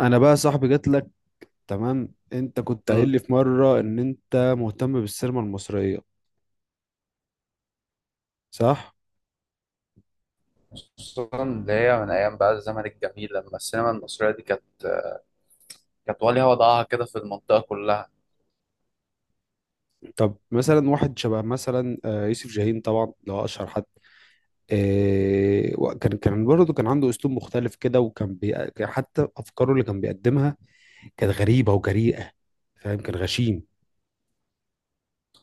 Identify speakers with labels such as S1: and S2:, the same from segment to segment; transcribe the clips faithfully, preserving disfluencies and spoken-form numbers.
S1: انا بقى صاحبي جات لك. تمام، انت كنت قايل
S2: مم.
S1: لي في مره ان انت مهتم بالسينما المصريه، صح؟
S2: خصوصا اللي هي من ايام بقى الزمن الجميل لما السينما المصريه دي كانت كانت وليها وضعها كده في المنطقه كلها.
S1: طب مثلا واحد شبه مثلا آه، يوسف شاهين طبعا اللي هو اشهر حد. آه، و- كان كان برضه كان عنده اسلوب مختلف كده، وكان بي... كان حتى افكاره اللي كان بيقدمها كانت غريبه وجريئه. فاهم؟ كان غشيم.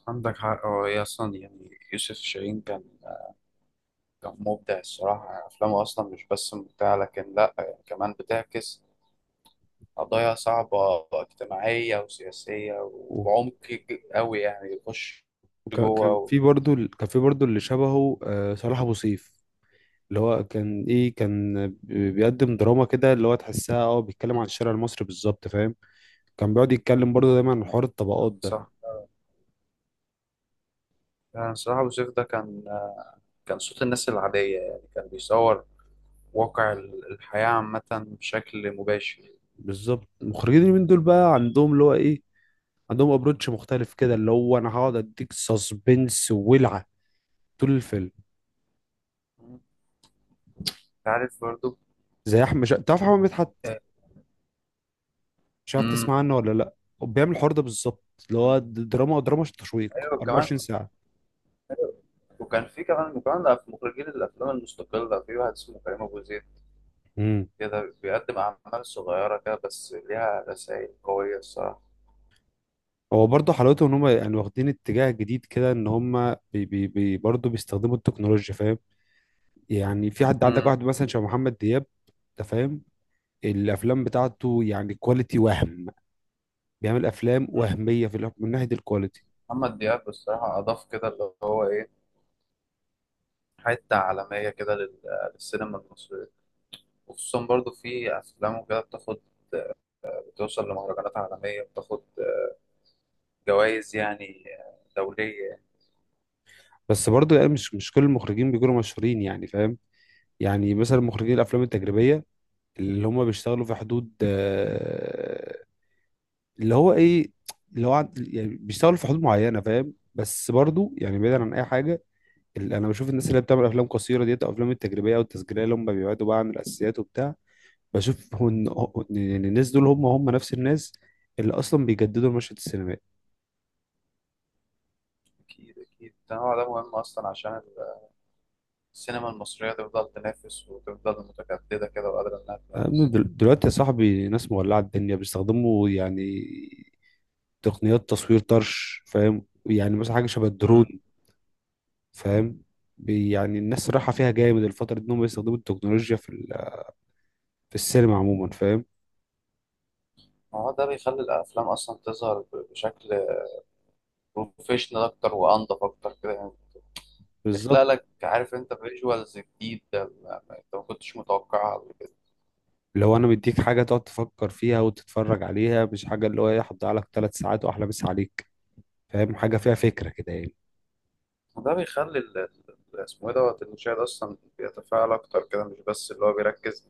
S2: عندك حق، هو هي اصلا يعني يوسف شاهين كان كان مبدع الصراحه، يعني افلامه اصلا مش بس ممتعه لكن لا يعني كمان بتعكس قضايا صعبه اجتماعيه وسياسيه
S1: و-
S2: وبعمق ج- قوي يعني يخش
S1: وكان
S2: جوه
S1: كان
S2: و...
S1: في برضه ال- كان في برضه اللي شبهه آه، صلاح ابو سيف. اللي هو كان ايه، كان بي- بيقدم دراما كده اللي هو تحسها، اه بيتكلم عن الشارع المصري بالظبط. فاهم؟ كان بيقعد يتكلم برضه دايما عن حوار
S2: مم.
S1: الطبقات ده.
S2: صح. يعني الصراحه أبو سيف ده كان، كان صوت الناس العاديه، يعني كان بيصور واقع ال- الحياة عامة بشكل مباشر.
S1: بالظبط. المخرجين اليومين دول بقى عندهم اللي هو ايه، عندهم ابروتش مختلف كده، اللي هو انا هقعد اديك سسبنس وولعه طول الفيلم.
S2: مم. انت عارف برضو.
S1: زي احمد شا... تعرف احمد مدحت؟
S2: آه،
S1: مش عارف
S2: امم
S1: تسمع عنه ولا لا؟ هو بيعمل الحوار ده بالظبط. اللي هو
S2: أمم.
S1: د- دراما دراما تشويق
S2: ايوه كمان.
S1: أربع وعشرين ساعه.
S2: وكان في كمان وكمان ده في مخرجين الافلام المستقله في واحد اسمه كريم ابو زيد،
S1: امم
S2: كده بيقدم اعمال صغيره كده بس ليها رسائل قويه الصراحه.
S1: هو برضه حلاوته ان هم يعني واخدين اتجاه جديد كده، ان هم بي بي بي برضه بيستخدموا التكنولوجيا. فاهم؟ يعني في حد عندك
S2: امم
S1: واحد مثلا شبه محمد دياب. انت فاهم؟ الافلام بتاعته يعني كواليتي، وهم بيعمل افلام
S2: أمم.
S1: وهميه في الأف- من ناحيه الكواليتي.
S2: محمد دياب الصراحه اضاف كده اللي هو ايه، حته عالميه كده لل- للسينما المصريه. وخصوصا برضو في افلامه كده بتاخد، بتوصل لمهرجانات عالميه، بتاخد جوائز يعني دوليه.
S1: بس برضه يعني مش مش كل المخرجين بيكونوا مشهورين يعني. فاهم؟ يعني مثلا مخرجين الافلام التجريبيه اللي هم بيشتغلوا في حدود آه، اللي هو ايه، اللي هو عند- يعني بيشتغلوا في حدود معينه. فاهم؟ بس برضه يعني بعيدا عن اي حاجه، اللي انا بشوف الناس اللي بتعمل افلام قصيره ديت او افلام التجريبيه او التسجيليه اللي هم بيبعدوا بقى عن الاساسيات وبتاع، بشوف هو ان هو- إن الناس دول هم هم نفس الناس اللي اصلا بيجددوا المشهد السينمائي.
S2: أكيد أكيد، التنوع ده مهم أصلا عشان السينما المصرية تفضل تنافس وتفضل متجددة كده وقادرة إنها
S1: يا ابني،
S2: تنافس.
S1: دل- دلوقتي يا صاحبي ناس مولعة الدنيا بيستخدموا يعني تقنيات تصوير طرش. فاهم؟ يعني مثلا حاجة شبه
S2: مم.
S1: الدرون. فاهم؟ بي- يعني الناس رايحة
S2: مم.
S1: فيها جامد الفترة دي انهم يستخدموا التكنولوجيا في ال- في السينما عموما. فاهم؟
S2: ما هو ده بيخلي الأفلام أصلا تظهر ب- بشكل بروفيشنال أكتر وأنضف أكتر كده يعني. بيخلق
S1: بالظبط.
S2: لك، عارف أنت، فيجوالز جديد ما- ما- أنت ما كنتش متوقعها قبل كده.
S1: لو انا مديك حاجة تقعد تفكر فيها وتتفرج عليها، مش حاجة اللي هو ايه هتضيع لك ثلاث ساعات واحلى مسا عليك. فاهم؟ حاجة فيها فكرة
S2: مم.
S1: كده يعني.
S2: وده بيخلي ال- ال- اسمه إيه دوت المشاهد أصلا بيتفاعل أكتر كده، مش بس اللي هو بيركز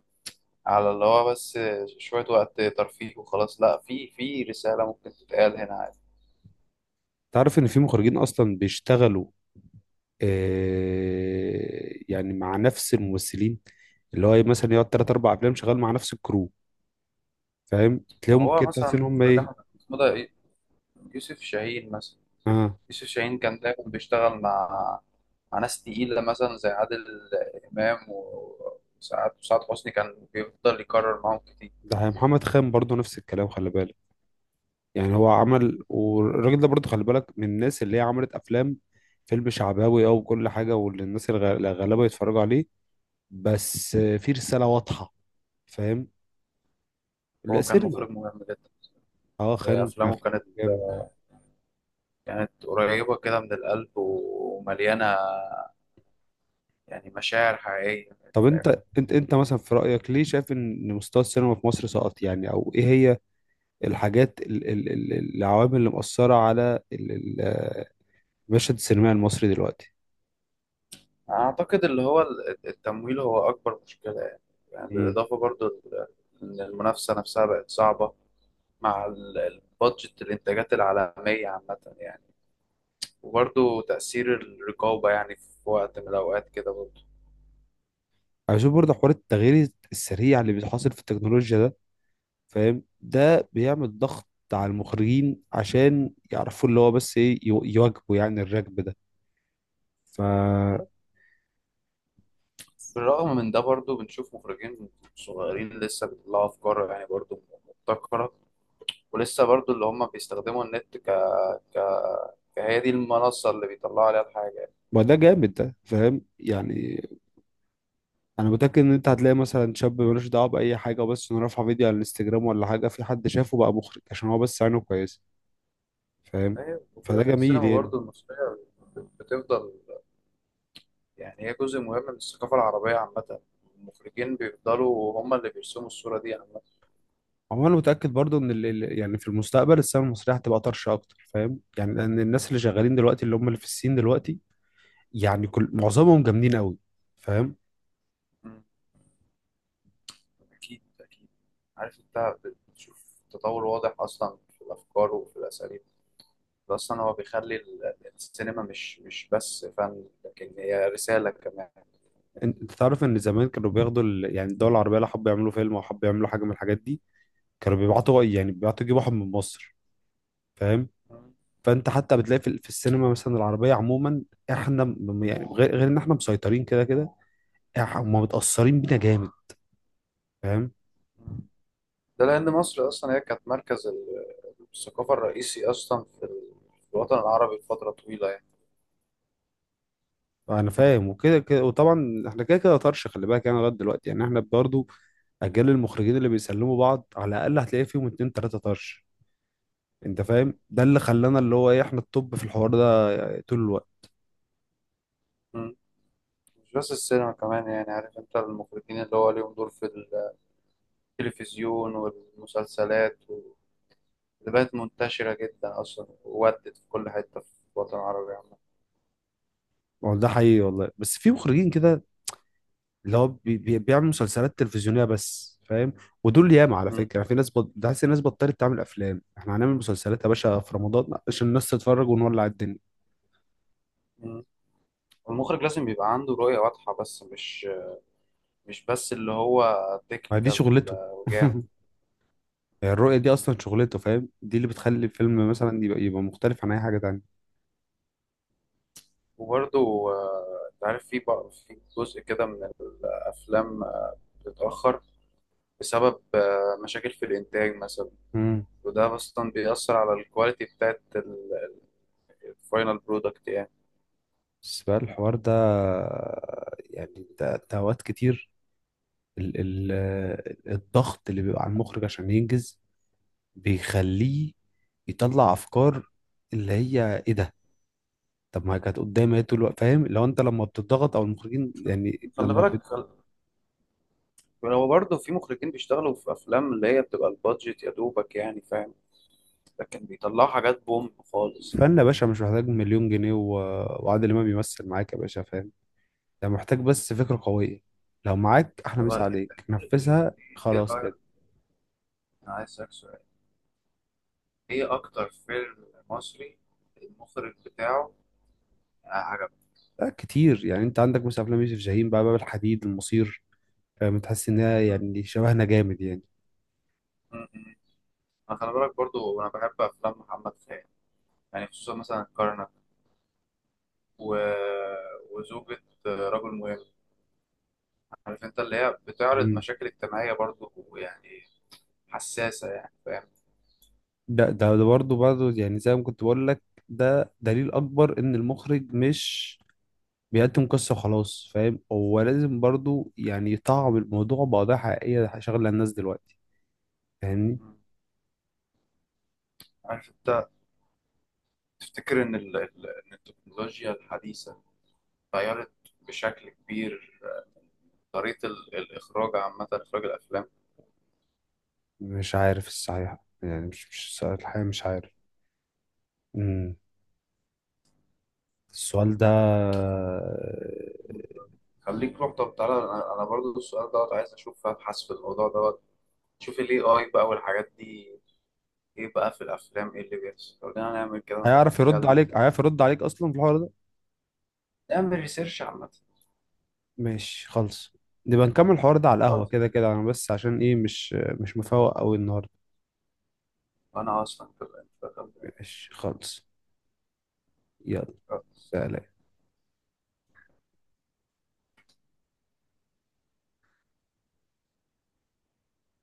S2: على اللي هو بس شوية وقت ترفيه وخلاص، لا، في في رسالة ممكن تتقال هنا.
S1: تعرف ان في مخرجين اصلا بيشتغلوا آه، يعني مع نفس الممثلين، اللي هو مثلا يقعد تلات أربع أفلام شغال مع نفس الكرو. فاهم؟
S2: ما
S1: تلاقيهم
S2: هو
S1: كده تحس
S2: مثلا
S1: إن هم
S2: مخرج
S1: إيه.
S2: أحمد مدى إيه؟ يوسف شاهين مثلا.
S1: آه.
S2: يوسف شاهين كان دايما بيشتغل مع مع ناس تقيلة مثلا زي عادل إمام و- وسعاد، وسعاد حسني، كان بيفضل يكرر معاهم كتير.
S1: ده محمد خان برضه نفس الكلام، خلي بالك. يعني هو
S2: مم.
S1: عمل، والراجل ده برضه خلي بالك من الناس اللي هي عملت أفلام، فيلم شعباوي أو كل حاجة، واللي الناس الغ- الغلابة يتفرجوا عليه، بس آه، في رسالة واضحة. فاهم؟ لا
S2: هو كان
S1: سينما.
S2: مخرج مهم جدا.
S1: اه،
S2: هي
S1: خان آه،
S2: أفلامه
S1: خان
S2: كانت،
S1: كان جامد.
S2: كانت قريبة كده من القلب ومليانة يعني مشاعر حقيقية.
S1: طب
S2: فاهم.
S1: انت انت انت مثلا في رأيك ليه شايف ان مستوى السينما في مصر سقط يعني، او ايه هي الحاجات ال- ال- ال- العوامل اللي مأثرة على ال- ال- المشهد السينمائي المصري دلوقتي؟
S2: أعتقد اللي هو ال- التمويل هو أكبر مشكلة يعني. يعني
S1: امم
S2: بالإضافة برضو ل- إن المنافسة نفسها بقت صعبة مع ال- البادجت الإنتاجات العالمية عامة يعني. وبرضه تأثير الرقابة يعني في وقت من الأوقات كده برضه.
S1: عايزين برضه حوار التغيير السريع اللي بيحصل في التكنولوجيا ده. فاهم؟ ده بيعمل ضغط على المخرجين عشان يعرفوا اللي هو بس ايه، يو- يواكبوا يعني الركب ده. ف
S2: بالرغم من ده برضه بنشوف مخرجين صغيرين لسه بيطلعوا أفكار يعني برضه مبتكرة. ولسه برضه اللي هم بيستخدموا النت ك... فهي دي المنصة اللي بيطلعوا عليها الحاجة يعني.
S1: ما ده جامد ده. فاهم؟ يعني انا متاكد ان انت هتلاقي مثلا شاب ملوش دعوه باي حاجه، وبس انه رافع فيديو على الانستجرام ولا حاجه، في حد شافه بقى مخرج عشان هو بس عينه كويسه. فاهم؟
S2: فاهم؟ وفي
S1: فده
S2: الآخر
S1: جميل
S2: السينما
S1: يعني.
S2: برضه المصرية بتفضل، يعني هي جزء مهم من الثقافة العربية عامة. المخرجين بيفضلوا هم اللي بيرسموا الصورة دي عامة.
S1: هو انا متاكد برضو ان ال... ال- يعني في المستقبل السينما المصريه هتبقى طرشه اكتر. فاهم؟ يعني لان الناس اللي شغالين دلوقتي، اللي هم اللي في الصين دلوقتي، يعني كل معظمهم جامدين قوي. فاهم؟
S2: أكيد أكيد. عارف أنت، بتشوف تطور واضح أصلا في الأفكار وفي الأساليب. ده أصلا هو بيخلي ال- السينما مش مش بس فن لكن هي رسالة كمان.
S1: انت أنت تعرف ان زمان كانوا بياخدوا ال... يعني الدول العربيه لو حبوا يعملوا فيلم او حبوا يعملوا حاجه من الحاجات دي، كانوا بيبعتوا يعني بيبعتوا يجيبوا واحد من مصر. فاهم؟ فانت حتى بتلاقي في, ال- في السينما مثلا العربيه عموما. احنا م- يعني غير, غير ان احنا مسيطرين كده كده، إح- هم متاثرين بينا جامد. فاهم؟
S2: ده لأن مصر أصلا هي كانت مركز ال- الثقافة الرئيسي أصلا في ال- في الوطن العربي فترة طويلة يعني.
S1: انا فاهم وكده كده، وطبعا احنا كده كده طرش خلي بالك، يعني لغايه دلوقتي يعني احنا برضو اجيال المخرجين اللي بيسلموا بعض على الاقل هتلاقي فيهم اتنين تلاته طرش. انت فاهم؟ ده اللي خلانا اللي هو ايه، احنا التوب في الحوار ده طول الوقت.
S2: مم. مش بس السينما كمان، يعني عارف أنت المخرجين اللي هو ليهم دور في التلفزيون والمسلسلات اللي بقت منتشرة جدا أصلا وودت في كل حتة في الوطن العربي عامة.
S1: والله ده حقيقي والله، بس في مخرجين كده اللي هو بي بي بيعمل مسلسلات تلفزيونيه بس. فاهم؟ ودول ياما، على
S2: مم.
S1: فكره يعني في ناس بط... ده حاسس الناس بطلت تعمل افلام، احنا هنعمل مسلسلات يا باشا في رمضان عشان الناس تتفرج ونولع الدنيا.
S2: مم. المخرج لازم يبقى عنده رؤية واضحة، بس مش، مش بس اللي هو
S1: ما دي
S2: تكنيكال
S1: شغلته.
S2: وجامد.
S1: يعني الرؤية دي أصلا شغلته. فاهم؟ دي اللي بتخلي الفيلم مثلا يبقى, يبقى مختلف عن أي حاجة تانية.
S2: وبرضه آه، أنت عارف في بقى في جزء كده من الأفلام آه، بتتأخر بسبب آه، مشاكل في الإنتاج مثلا.
S1: مم.
S2: وده أصلا بيأثر على الكواليتي بتاعت الفاينل برودكت يعني.
S1: بس بقى الحوار ده، يعني ده, ده أوقات كتير، ال ال الضغط اللي بيبقى على المخرج عشان ينجز بيخليه يطلع أفكار، اللي هي إيه ده. طب ما كانت قدامي إيه طول الوقت. فاهم؟ لو أنت لما بتضغط أو المخرجين يعني
S2: خلي
S1: لما
S2: بالك
S1: بت...
S2: خل- هو برضه في مخرجين بيشتغلوا في أفلام اللي هي بتبقى البادجت يا دوبك يعني، فاهم، لكن بيطلعوا حاجات بوم خالص.
S1: فن يا باشا مش محتاج مليون جنيه و... وعادل إمام يمثل معاك يا باشا. فاهم؟ ده محتاج بس فكرة قوية. لو معاك أحلى
S2: طب
S1: مسا
S2: انت
S1: عليك، نفذها
S2: ايه
S1: خلاص
S2: رايك؟
S1: كده.
S2: انا عايز اسالك سؤال: ايه اكتر فيلم مصري المخرج بتاعه عجبك؟
S1: ده كتير يعني، أنت عندك مثلا أفلام يوسف شاهين بقى، باب الحديد، المصير. فاهم؟ تحس إنها
S2: م-
S1: يعني شبهنا جامد يعني.
S2: م- م. انا خلي بالك برضو انا بحب افلام محمد خان، يعني خصوصا مثلا الكرنك و... وزوجة رجل مهم. عارف انت اللي هي بتعرض
S1: مم.
S2: مشاكل اجتماعية برضو، يعني حساسة يعني. فاهم.
S1: ده ده ده برضه برضه يعني زي ما كنت بقول لك، ده دليل أكبر إن المخرج مش بيقدم قصة وخلاص. فاهم؟ هو لازم برضه يعني يطعم الموضوع بقضايا حقيقية شغلة الناس دلوقتي. فاهمني؟
S2: م. عارف انت، تفتكر ان ال... ال- إن التكنولوجيا الحديثة غيرت بشكل كبير طريقة ال- الإخراج عامة، إخراج الأفلام؟
S1: مش عارف الصحيح. يعني مش مش الحقيقة مش عارف. مم. السؤال ده.
S2: خليك، روح، طب تعالى، أنا أنا برضو السؤال دوت عايز أشوف أبحث في الموضوع دوت. شوف ال إيه آي بقى والحاجات دي إيه بقى في الأفلام، إيه اللي بيحصل؟ لو جينا نعمل كده ونبقى
S1: هيعرف يرد
S2: نتكلم
S1: عليك
S2: تاني،
S1: هيعرف يرد عليك اصلا في الحوار ده.
S2: نعمل ريسيرش عامة.
S1: ماشي، خلص. نبقى نكمل الحوار ده على
S2: طيب،
S1: القهوة، كده كده انا بس عشان ايه مش مش مفوق قوي النهارده.
S2: أنا أصلا كده
S1: ماشي، خلص. يلا. سلام.